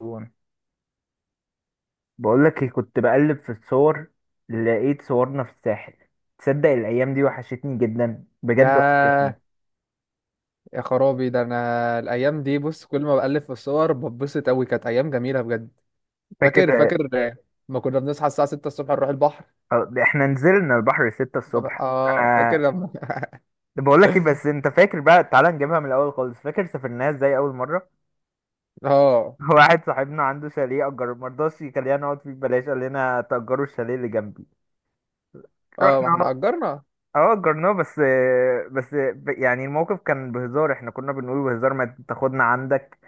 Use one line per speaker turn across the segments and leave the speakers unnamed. وانا بقول لك إيه، كنت بقلب في الصور. لقيت صورنا في الساحل. تصدق الايام دي وحشتني جدا، بجد وحشتني.
ياه، يا خرابي، ده انا الايام دي بص كل ما بألف في الصور بتبسط قوي، كانت ايام جميله بجد. فاكر
فاكر.
فاكر، ما كنا بنصحى الساعه 6 الصبح نروح البحر.
احنا نزلنا البحر 6 الصبح،
اه، فاكر
انا
لما
بقول لك ايه. بس انت فاكر بقى، تعالى نجيبها من الاول خالص. فاكر سافرناها ازاي اول مره؟
اه،
واحد صاحبنا عنده شاليه اجر، ما رضاش يخلينا نقعد فيه ببلاش، قال لنا تأجروا الشاليه اللي جنبي.
اه، ما
رحنا.
احنا اجرنا.
اه اجرناه. بس. يعني الموقف كان بهزار، احنا كنا بنقول بهزار ما تاخدنا عندك.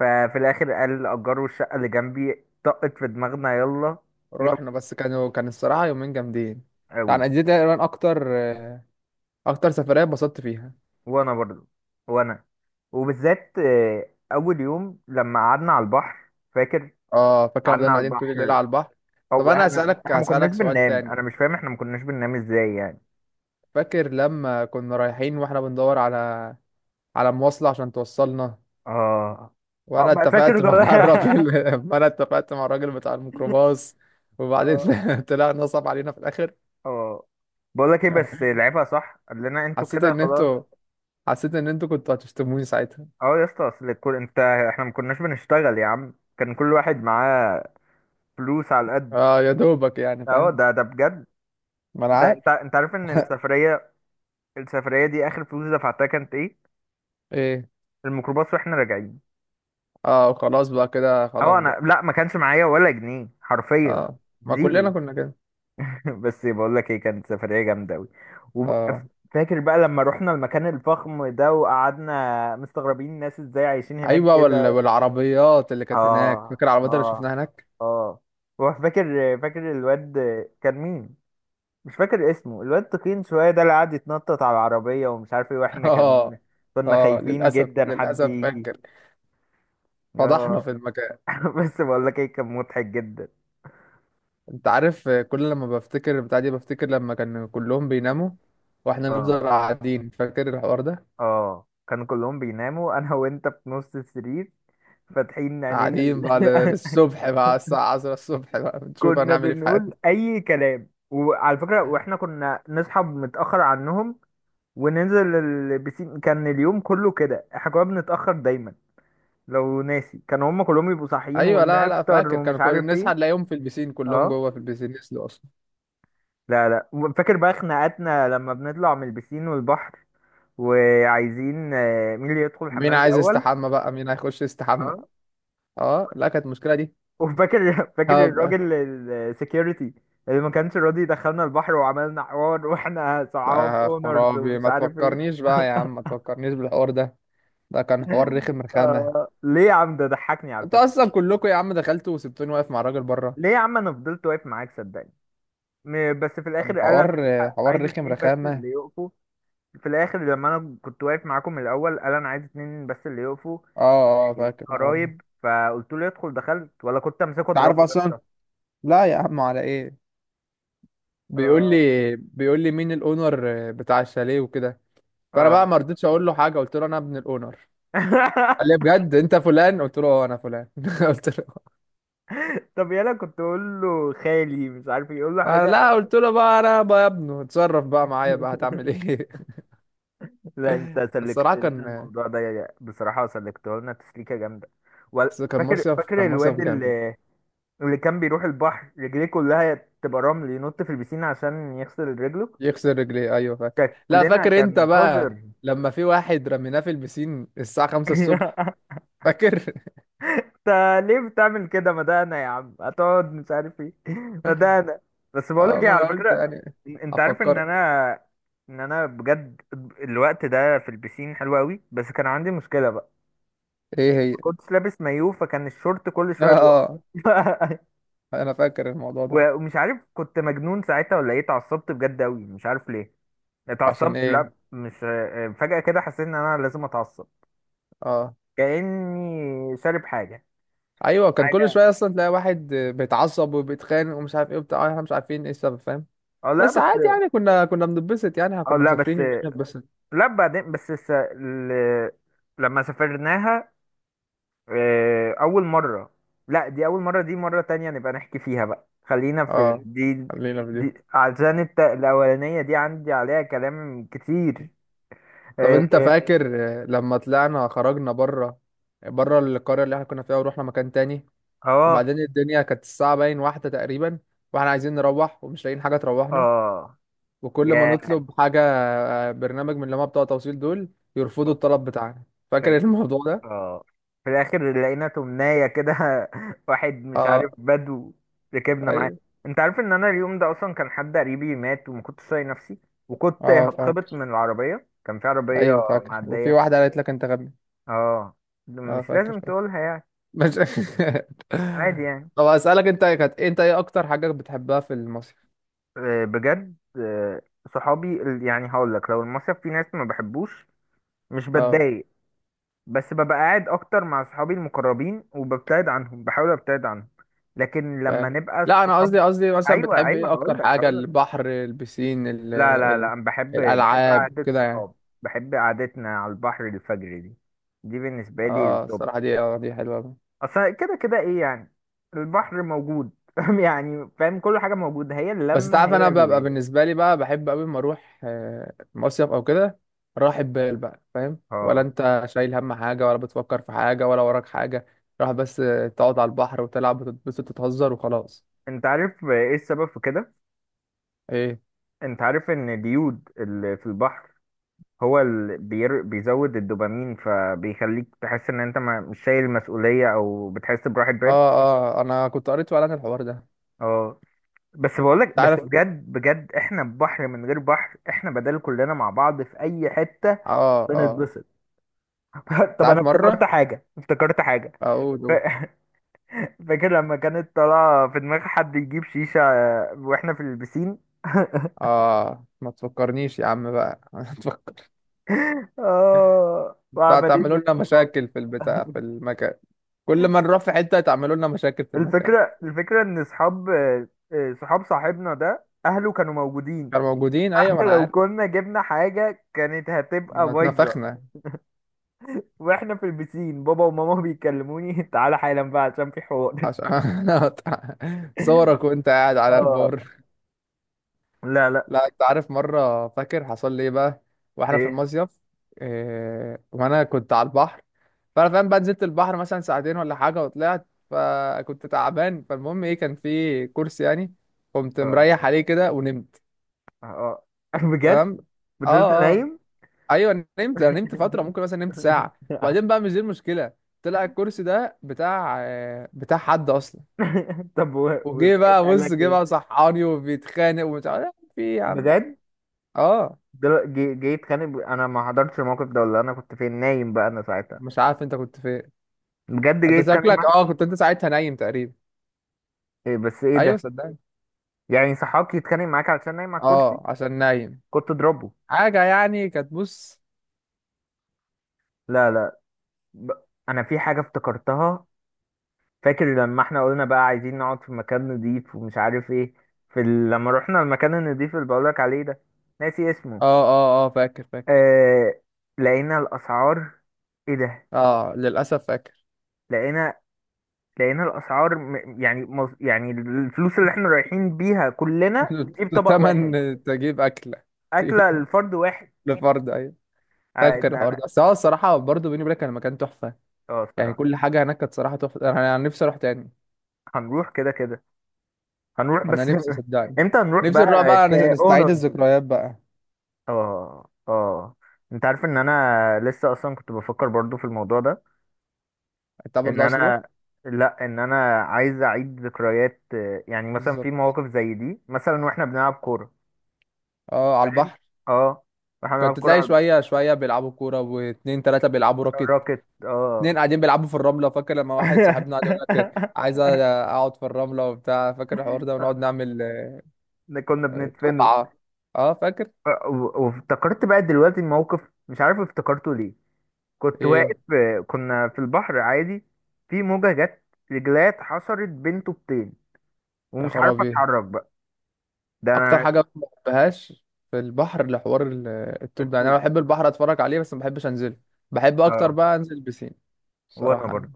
ففي الاخر قال اجار الشقه اللي جنبي طقت في دماغنا، يلا. يلا
رحنا، بس كان الصراحه يومين جامدين.
قوي.
يعني دي تقريبا اكتر سفريه اتبسطت فيها.
وانا برضو. وانا وبالذات اول يوم لما قعدنا على البحر، فاكر.
اه، فاكر لما
قعدنا
فضلنا
على
قاعدين طول الليل
البحر.
على البحر. طب
او
انا
احنا
اسالك
احنا ما كناش
اسالك سؤال
بننام،
تاني.
انا مش فاهم احنا ما كناش بننام ازاي يعني.
فاكر لما كنا رايحين واحنا بندور على مواصله عشان توصلنا.
اه، اه،
وانا
ما فاكر
اتفقت مع الراجل وانا اتفقت مع الراجل بتاع الميكروباص. وبعدين
اه،
طلع نصب علينا في الاخر.
اه، بقول لك ايه، بس لعبها صح، قال لنا انتوا
حسيت
كده
ان انتوا
خلاص.
حسيت ان انتوا كنتوا هتشتموني ساعتها.
اه يا اسطى، اصل الكل، انت احنا ما كناش بنشتغل يا عم، كان كل واحد معاه فلوس على قد.
اه، يا دوبك يعني،
اهو
فاهم.
ده بجد.
ما انا
ده
عارف.
انت عارف ان السفريه دي اخر فلوس دفعتها كانت ايه؟
ايه.
الميكروباص واحنا راجعين.
اه، خلاص بقى، كده خلاص
اهو انا،
بقى.
لا، ما كانش معايا ولا جنيه حرفيا.
اه، ما كلنا
زيرو.
كنا كده.
بس بقول لك ايه، كانت سفريه جامده قوي.
اه،
وفاكر بقى لما رحنا المكان الفخم ده، وقعدنا مستغربين الناس ازاي عايشين هناك
ايوه،
كده.
والعربيات اللي كانت هناك.
اه،
فاكر العربيات اللي
اه،
شفناها هناك.
اه. وفاكر فاكر الواد. كان مين؟ مش فاكر اسمه، الواد تخين شوية ده اللي قعد يتنطط على العربية ومش عارف ايه، واحنا
اه،
كنا
اه،
خايفين
للاسف
جدا حد
للاسف
يجي.
فاكر. فضحنا
اه.
في المكان.
بس بقول لك ايه، كان مضحك جدا.
انت عارف كل لما بفتكر البتاع دي بفتكر لما كان كلهم بيناموا، واحنا
اه،
نفضل قاعدين، فاكر الحوار ده.
اه، كانوا كلهم بيناموا، انا وانت في نص السرير فاتحين عينينا
قاعدين بقى للصبح بقى، الساعة 10 الصبح بقى بنشوف
كنا
هنعمل ايه في
بنقول
حياتنا.
اي كلام. وعلى فكرة، واحنا كنا نصحى متأخر عنهم وننزل البسين. كان اليوم كله كده، احنا كنا بنتأخر دايما. لو ناسي، كانوا هم كلهم يبقوا صاحيين
ايوه، لا، لا،
ونفطر
فاكر.
ومش
كانوا كل
عارف ايه.
نصحى نلاقيهم في البسين، كلهم
اه،
جوه في البسين يسلوا اصلا.
لا، لا، فاكر بقى خناقاتنا لما بنطلع من البسين والبحر، وعايزين مين اللي يدخل
مين
الحمام
عايز
الاول.
يستحمى بقى؟ مين هيخش يستحمى؟
اه،
اه، لا، كانت المشكلة دي.
وفاكر، فاكر
هبقى،
الراجل السكيورتي اللي ما كانش راضي يدخلنا البحر، وعملنا حوار واحنا صعاب
آه
اونرز
خرابي،
ومش
ما
عارف ايه.
تفكرنيش بقى يا عم، ما تفكرنيش بالحوار ده. ده كان حوار رخم رخامة.
ليه يا عم؟ ده ضحكني على
انت
فكرة.
اصلا كلكم يا عم دخلتوا وسبتوني واقف مع الراجل بره.
ليه يا عم، انا فضلت واقف معاك صدقني. بس في
كان
الاخر قال انا
حوار
عايز
حوار
عايز
رخم
اتنين بس
رخامة.
اللي يقفوا. في الاخر لما انا كنت واقف معاكم من الاول، قال انا عايز اتنين بس اللي يقفوا
اه، اه، فاكر الحوار ده.
قرايب. فقلت له يدخل. دخلت ولا كنت امسكه
انت عارف
اضربه يا
اصلا.
اسطى؟
لا يا عم، على ايه؟ بيقول لي
اه،
بيقول لي مين الاونر بتاع الشاليه وكده. فانا بقى
اه.
ما رضيتش اقول له حاجة، قلت له انا ابن الاونر. قال لي بجد انت فلان؟ قلت له اه انا فلان. قلت له
طب يلا، كنت اقول له خالي مش عارف يقول له
انا، لا،
حاجه.
قلت له بقى، انا بقى يا ابنه اتصرف بقى معايا بقى هتعمل ايه.
لا انت سلكت
الصراحة
لنا الموضوع ده بصراحه، سلكته لنا تسليكه جامده. ولا فاكر،
كان مصيف
الواد
جامد.
اللي كان بيروح البحر رجليه كلها تبقى رمل، ينط في البسين عشان يغسل رجله.
يكسر رجليه، ايوه فاكر. لا،
شكلنا
فاكر انت
كان
بقى
قذر.
لما في واحد رميناه في البسين الساعة 5 الصبح، فاكر؟
انت ليه بتعمل كده؟ ما ده انا يا عم هتقعد مش عارف ايه. ما ده انا. بس
اه،
بقولك ايه،
ما
على
انا قلت
فكرة،
يعني.
انت عارف
افكرك.
ان انا بجد، الوقت ده في البسين حلو قوي، بس كان عندي مشكلة بقى.
ايه هي؟
ما كنتش لابس مايو فكان الشورت كل شوية
اه،
بيقع.
انا فاكر الموضوع ده.
ومش عارف كنت مجنون ساعتها ولا ايه. اتعصبت بجد قوي، مش عارف ليه
عشان
اتعصبت. لا
ايه؟
مش، فجأة كده حسيت ان انا لازم اتعصب.
اه،
كأني شارب حاجة.
ايوه، كان كل
حاجة.
شويه اصلا تلاقي واحد بيتعصب وبيتخانق ومش عارف ايه وبتاع احنا مش عارفين ايه السبب، فاهم.
اه لا
بس عادي
بس.
يعني، كنا بنتبسط يعني، إحنا
اه
كنا
لا بس.
مسافرين يومين بنتبسط.
لا بعدين بس لما سافرناها أول مرة. لا دي أول مرة، دي مرة تانية نبقى نحكي فيها بقى. خلينا في
اه، خلينا في دي.
دي، عشان الأولانية دي عندي عليها كلام كتير.
طب
اه،
انت فاكر لما خرجنا بره، بره القريه اللي احنا كنا فيها، ورحنا مكان تاني.
اه.
وبعدين الدنيا كانت الساعه باين واحده تقريبا، واحنا عايزين نروح ومش لاقيين حاجه تروحنا.
آه.
وكل ما نطلب حاجة برنامج من اللي هما بتوع توصيل دول، يرفضوا الطلب بتاعنا. فاكر
يا،
الموضوع ده؟
اه، في الاخر لقينا تمناية كده. واحد مش
اه،
عارف، بدو. ركبنا معاه.
ايوه،
انت عارف ان انا اليوم ده اصلا كان حد قريبي مات، وما كنتش طايق نفسي، وكنت
اه
هتخبط
فاكر.
من العربية. كان في عربية
ايوه فاكر، وفي
معدية.
واحدة قالت لك انت غبي.
اه
اه،
مش
فاكر
لازم
فاكر
تقولها يعني.
مش
عادي يعني.
طب اسألك انت انت ايه اكتر حاجة بتحبها في المصيف؟
بجد صحابي يعني هقول لك، لو المصيف في ناس ما بحبوش، مش
اه،
بتضايق. بس ببقى قاعد اكتر مع صحابي المقربين، وببتعد عنهم، بحاول ابتعد عنهم. لكن
فاهم.
لما نبقى
لا انا
الصحاب.
قصدي مثلا
ايوه،
بتحب
ايوه،
ايه اكتر
هقول لك
حاجة،
هقول لك
البحر، البسين،
لا، لا، لا، انا بحب،
الالعاب
قعدة
كده يعني.
الصحاب. بحب قعدتنا على البحر الفجر دي، دي بالنسبة لي
اه
التوب.
الصراحة دي، دي حلوة.
اصلا كده كده ايه يعني، البحر موجود. يعني فاهم، كل حاجة موجودة، هي
بس انت
اللمة
عارف،
هي
انا ببقى
اللي.
بالنسبه لي بقى بحب قوي لما اروح مصيف او كده. راحة بال بقى، فاهم؟ ولا
اه.
انت شايل هم حاجه، ولا بتفكر في حاجه، ولا وراك حاجه. راح بس تقعد على البحر وتلعب وتتبسط وتهزر وخلاص.
انت عارف ايه السبب في كده؟
ايه؟
انت عارف ان اليود اللي في البحر هو بيزود الدوبامين، فبيخليك تحس ان انت ما... مش شايل مسؤولية او بتحس براحة
اه،
بال.
اه، انا كنت قريت فعلا الحوار ده انت
اه. بس بقولك،
عارف.
بجد بجد احنا بحر من غير بحر، احنا بدل كلنا مع بعض في اي حتة
اه، اه،
بنتبسط.
انت
طب انا
عارف
افتكرت
مره.
حاجة، افتكرت حاجة.
اقول
ف...
أقول.
فاكر لما كانت طالعة في دماغ حد يجيب شيشة واحنا في البسين.
اه، ما تفكرنيش يا عم بقى. ما تفكر
اه وعمالين
تعملوا لنا
نتكلم.
مشاكل في البتاع في المكان. كل ما نروح في حته، تعملوا لنا مشاكل في المكان.
الفكرة ان اصحاب آه، آه، صحاب صاحبنا ده اهله كانوا موجودين.
كانوا موجودين ايوه، ما
فاحنا
انا
لو
عارف.
كنا جبنا حاجة كانت هتبقى
احنا
بايظة.
اتنفخنا.
واحنا في البسين، بابا وماما بيكلموني، تعالى حالا بقى عشان في حوار.
عشان صورك وانت قاعد على
اه
البار.
لا لا.
لا، انت عارف مرة فاكر حصل لي ايه بقى، واحنا في
ايه؟
المصيف. إيه، وانا كنت على البحر. فانا فاهم بقى، نزلت البحر مثلا ساعتين ولا حاجة وطلعت، فكنت تعبان، فالمهم ايه، كان في كرسي يعني. قمت
اه،
مريح عليه كده ونمت.
اه. بجد.
تمام.
فضلت
اه، اه،
نايم.
ايوه، نمت، انا نمت فترة ممكن، مثلا نمت ساعة. وبعدين بقى، مش دي المشكلة. طلع الكرسي ده بتاع حد اصلا.
طب،
وجه
وصحيت
بقى،
قال
بص،
لك
جه بقى
ايه؟
صحاني وبيتخانق ومش عارف في إيه يا عم.
بجد
اه،
جاي يتخانق؟ انا ما حضرتش الموقف ده، ولا انا كنت فين نايم بقى انا ساعتها.
مش عارف انت كنت فين.
بجد جاي
انت
يتخانق
شكلك
معايا؟
كنت انت ساعتها نايم تقريبا.
إيه؟ بس ايه
ايوه
ده؟
صدقني.
يعني صحابك يتخانق معاك علشان نايم على الكرسي.
اه، عشان نايم.
كنت اضربه.
حاجة يعني كانت، بص.
لا، لا، ب... انا في حاجه افتكرتها. فاكر لما احنا قلنا بقى عايزين نقعد في مكان نضيف ومش عارف ايه. لما رحنا المكان النضيف اللي بقولك عليه ده، ناسي اسمه.
اه، اه، اه، فاكر فاكر.
آه... لقينا الاسعار. ايه ده؟
اه، للأسف فاكر.
لقينا الاسعار. يعني الفلوس اللي احنا رايحين بيها كلنا في طبق واحد،
تمن تجيب أكلة.
اكله
تجيب
الفرد واحد.
لفرد، أيوة. فاكر
إن
الحوار ده،
انا.
بس هو الصراحة برضه بيني وبينك كان مكان تحفة.
اه
يعني
الصراحه.
كل حاجة هناك كانت صراحة تحفة. أنا نفسي أروح تاني.
هنروح كده كده، هنروح
أنا
بس.
نفسي صدقني.
امتى هنروح
نفسي نروح
بقى
بقى نستعيد
كاونرز؟
الذكريات بقى.
اه، اه، انت عارف ان انا لسه اصلا كنت بفكر برضو في الموضوع ده.
انت
ان
برضه عايز تروح؟
انا، لا، ان انا عايز اعيد ذكريات، يعني مثلا في
بالظبط.
مواقف زي دي، مثلا واحنا بنلعب كوره،
اه، على
فاهم.
البحر.
اه واحنا بنلعب
كنت
كوره
تلاقي
على
شويه شويه بيلعبوا كوره، واتنين تلاته بيلعبوا راكت.
الراكت.
اتنين
اه.
قاعدين بيلعبوا في الرمله. فاكر لما واحد صاحبنا قعد يقول لك عايز اقعد في الرمله وبتاع، فاكر الحوار ده، ونقعد نعمل
ده كنا بندفنه.
طبعه. اه، فاكر.
وافتكرت بقى دلوقتي الموقف، مش عارف افتكرته ليه. كنت واقف.
ايه؟
كنا في البحر عادي، في موجة جت، رجلات حصرت بين طوبتين،
يا
ومش عارف
خرابي،
اتحرك بقى. ده
اكتر
انا.
حاجه ما بحبهاش في البحر لحوار الطوب ده. يعني انا
الطوب.
بحب البحر اتفرج عليه بس ما بحبش انزله. بحب اكتر
اه
بقى انزل بسين،
وانا
الصراحه يعني.
برضه.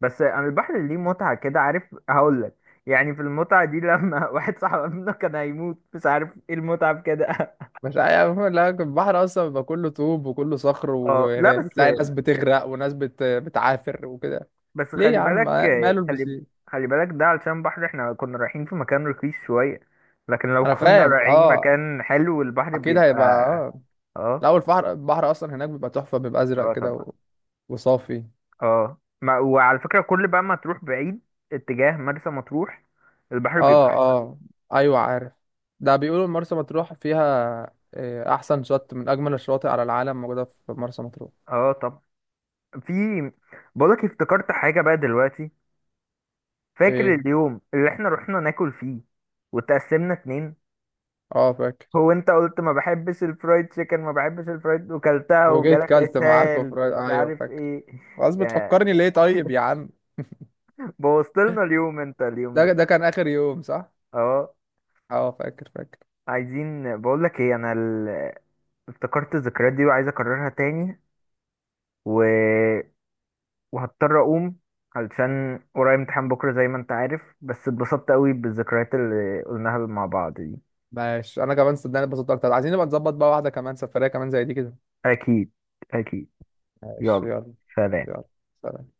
بس انا البحر ليه متعة كده، عارف؟ هقول لك يعني، في المتعة دي لما واحد صاحبنا كان هيموت مش عارف ايه، المتعة في كده؟
مش عارف. لا، البحر اصلا بيبقى كله طوب وكله صخر،
اه لا بس.
وتلاقي ناس بتغرق وناس بتعافر وكده. ليه يا
خلي
عم؟
بالك.
ماله
خلي
البسين؟
خلي بالك ده علشان بحر، احنا كنا رايحين في مكان رخيص شوية، لكن لو
انا
كنا
فاهم.
رايحين
اه،
مكان حلو البحر
اكيد
بيبقى.
هيبقى. اه.
اه،
الاول البحر اصلا هناك بيبقى تحفه، بيبقى ازرق
اه،
كده
طبعا.
وصافي.
اه ما وعلى فكرة، كل بقى ما تروح بعيد اتجاه مرسى مطروح، البحر بيبقى
اه،
احسن.
اه، ايوه عارف. ده بيقولوا مرسى مطروح فيها احسن شط من اجمل الشواطئ على العالم، موجوده في مرسى مطروح.
اه طب، في، بقولك افتكرت حاجة بقى دلوقتي. فاكر
ايه؟
اليوم اللي احنا رحنا ناكل فيه، وتقسمنا اتنين.
اه، فاكر.
هو انت قلت ما بحبش الفرايد تشيكن، ما بحبش الفرايد، وكلتها
وجيت
وجالك
كلت معاكم
اسهال
فرايد،
ومش
ايوه
عارف
فاكر.
ايه.
خلاص،
يا،
بتفكرني ليه طيب يا عم؟
بوظت لنا اليوم انت اليوم
ده
ده.
ده كان اخر يوم، صح؟
اه
اه، فاكر فاكر.
عايزين. بقولك ايه انا، افتكرت الذكريات دي وعايز اكررها تاني. و وهضطر اقوم علشان ورايا امتحان بكره زي ما انت عارف، بس اتبسطت قوي بالذكريات اللي قلناها مع بعض دي.
ماشي، انا كمان صدقني اتبسطت اكتر، عايزين نبقى نظبط بقى واحده كمان، سفريه كمان زي دي كده.
اكيد، اكيد.
ماشي
يلا،
يلا.
سلام.
يلا. سلام.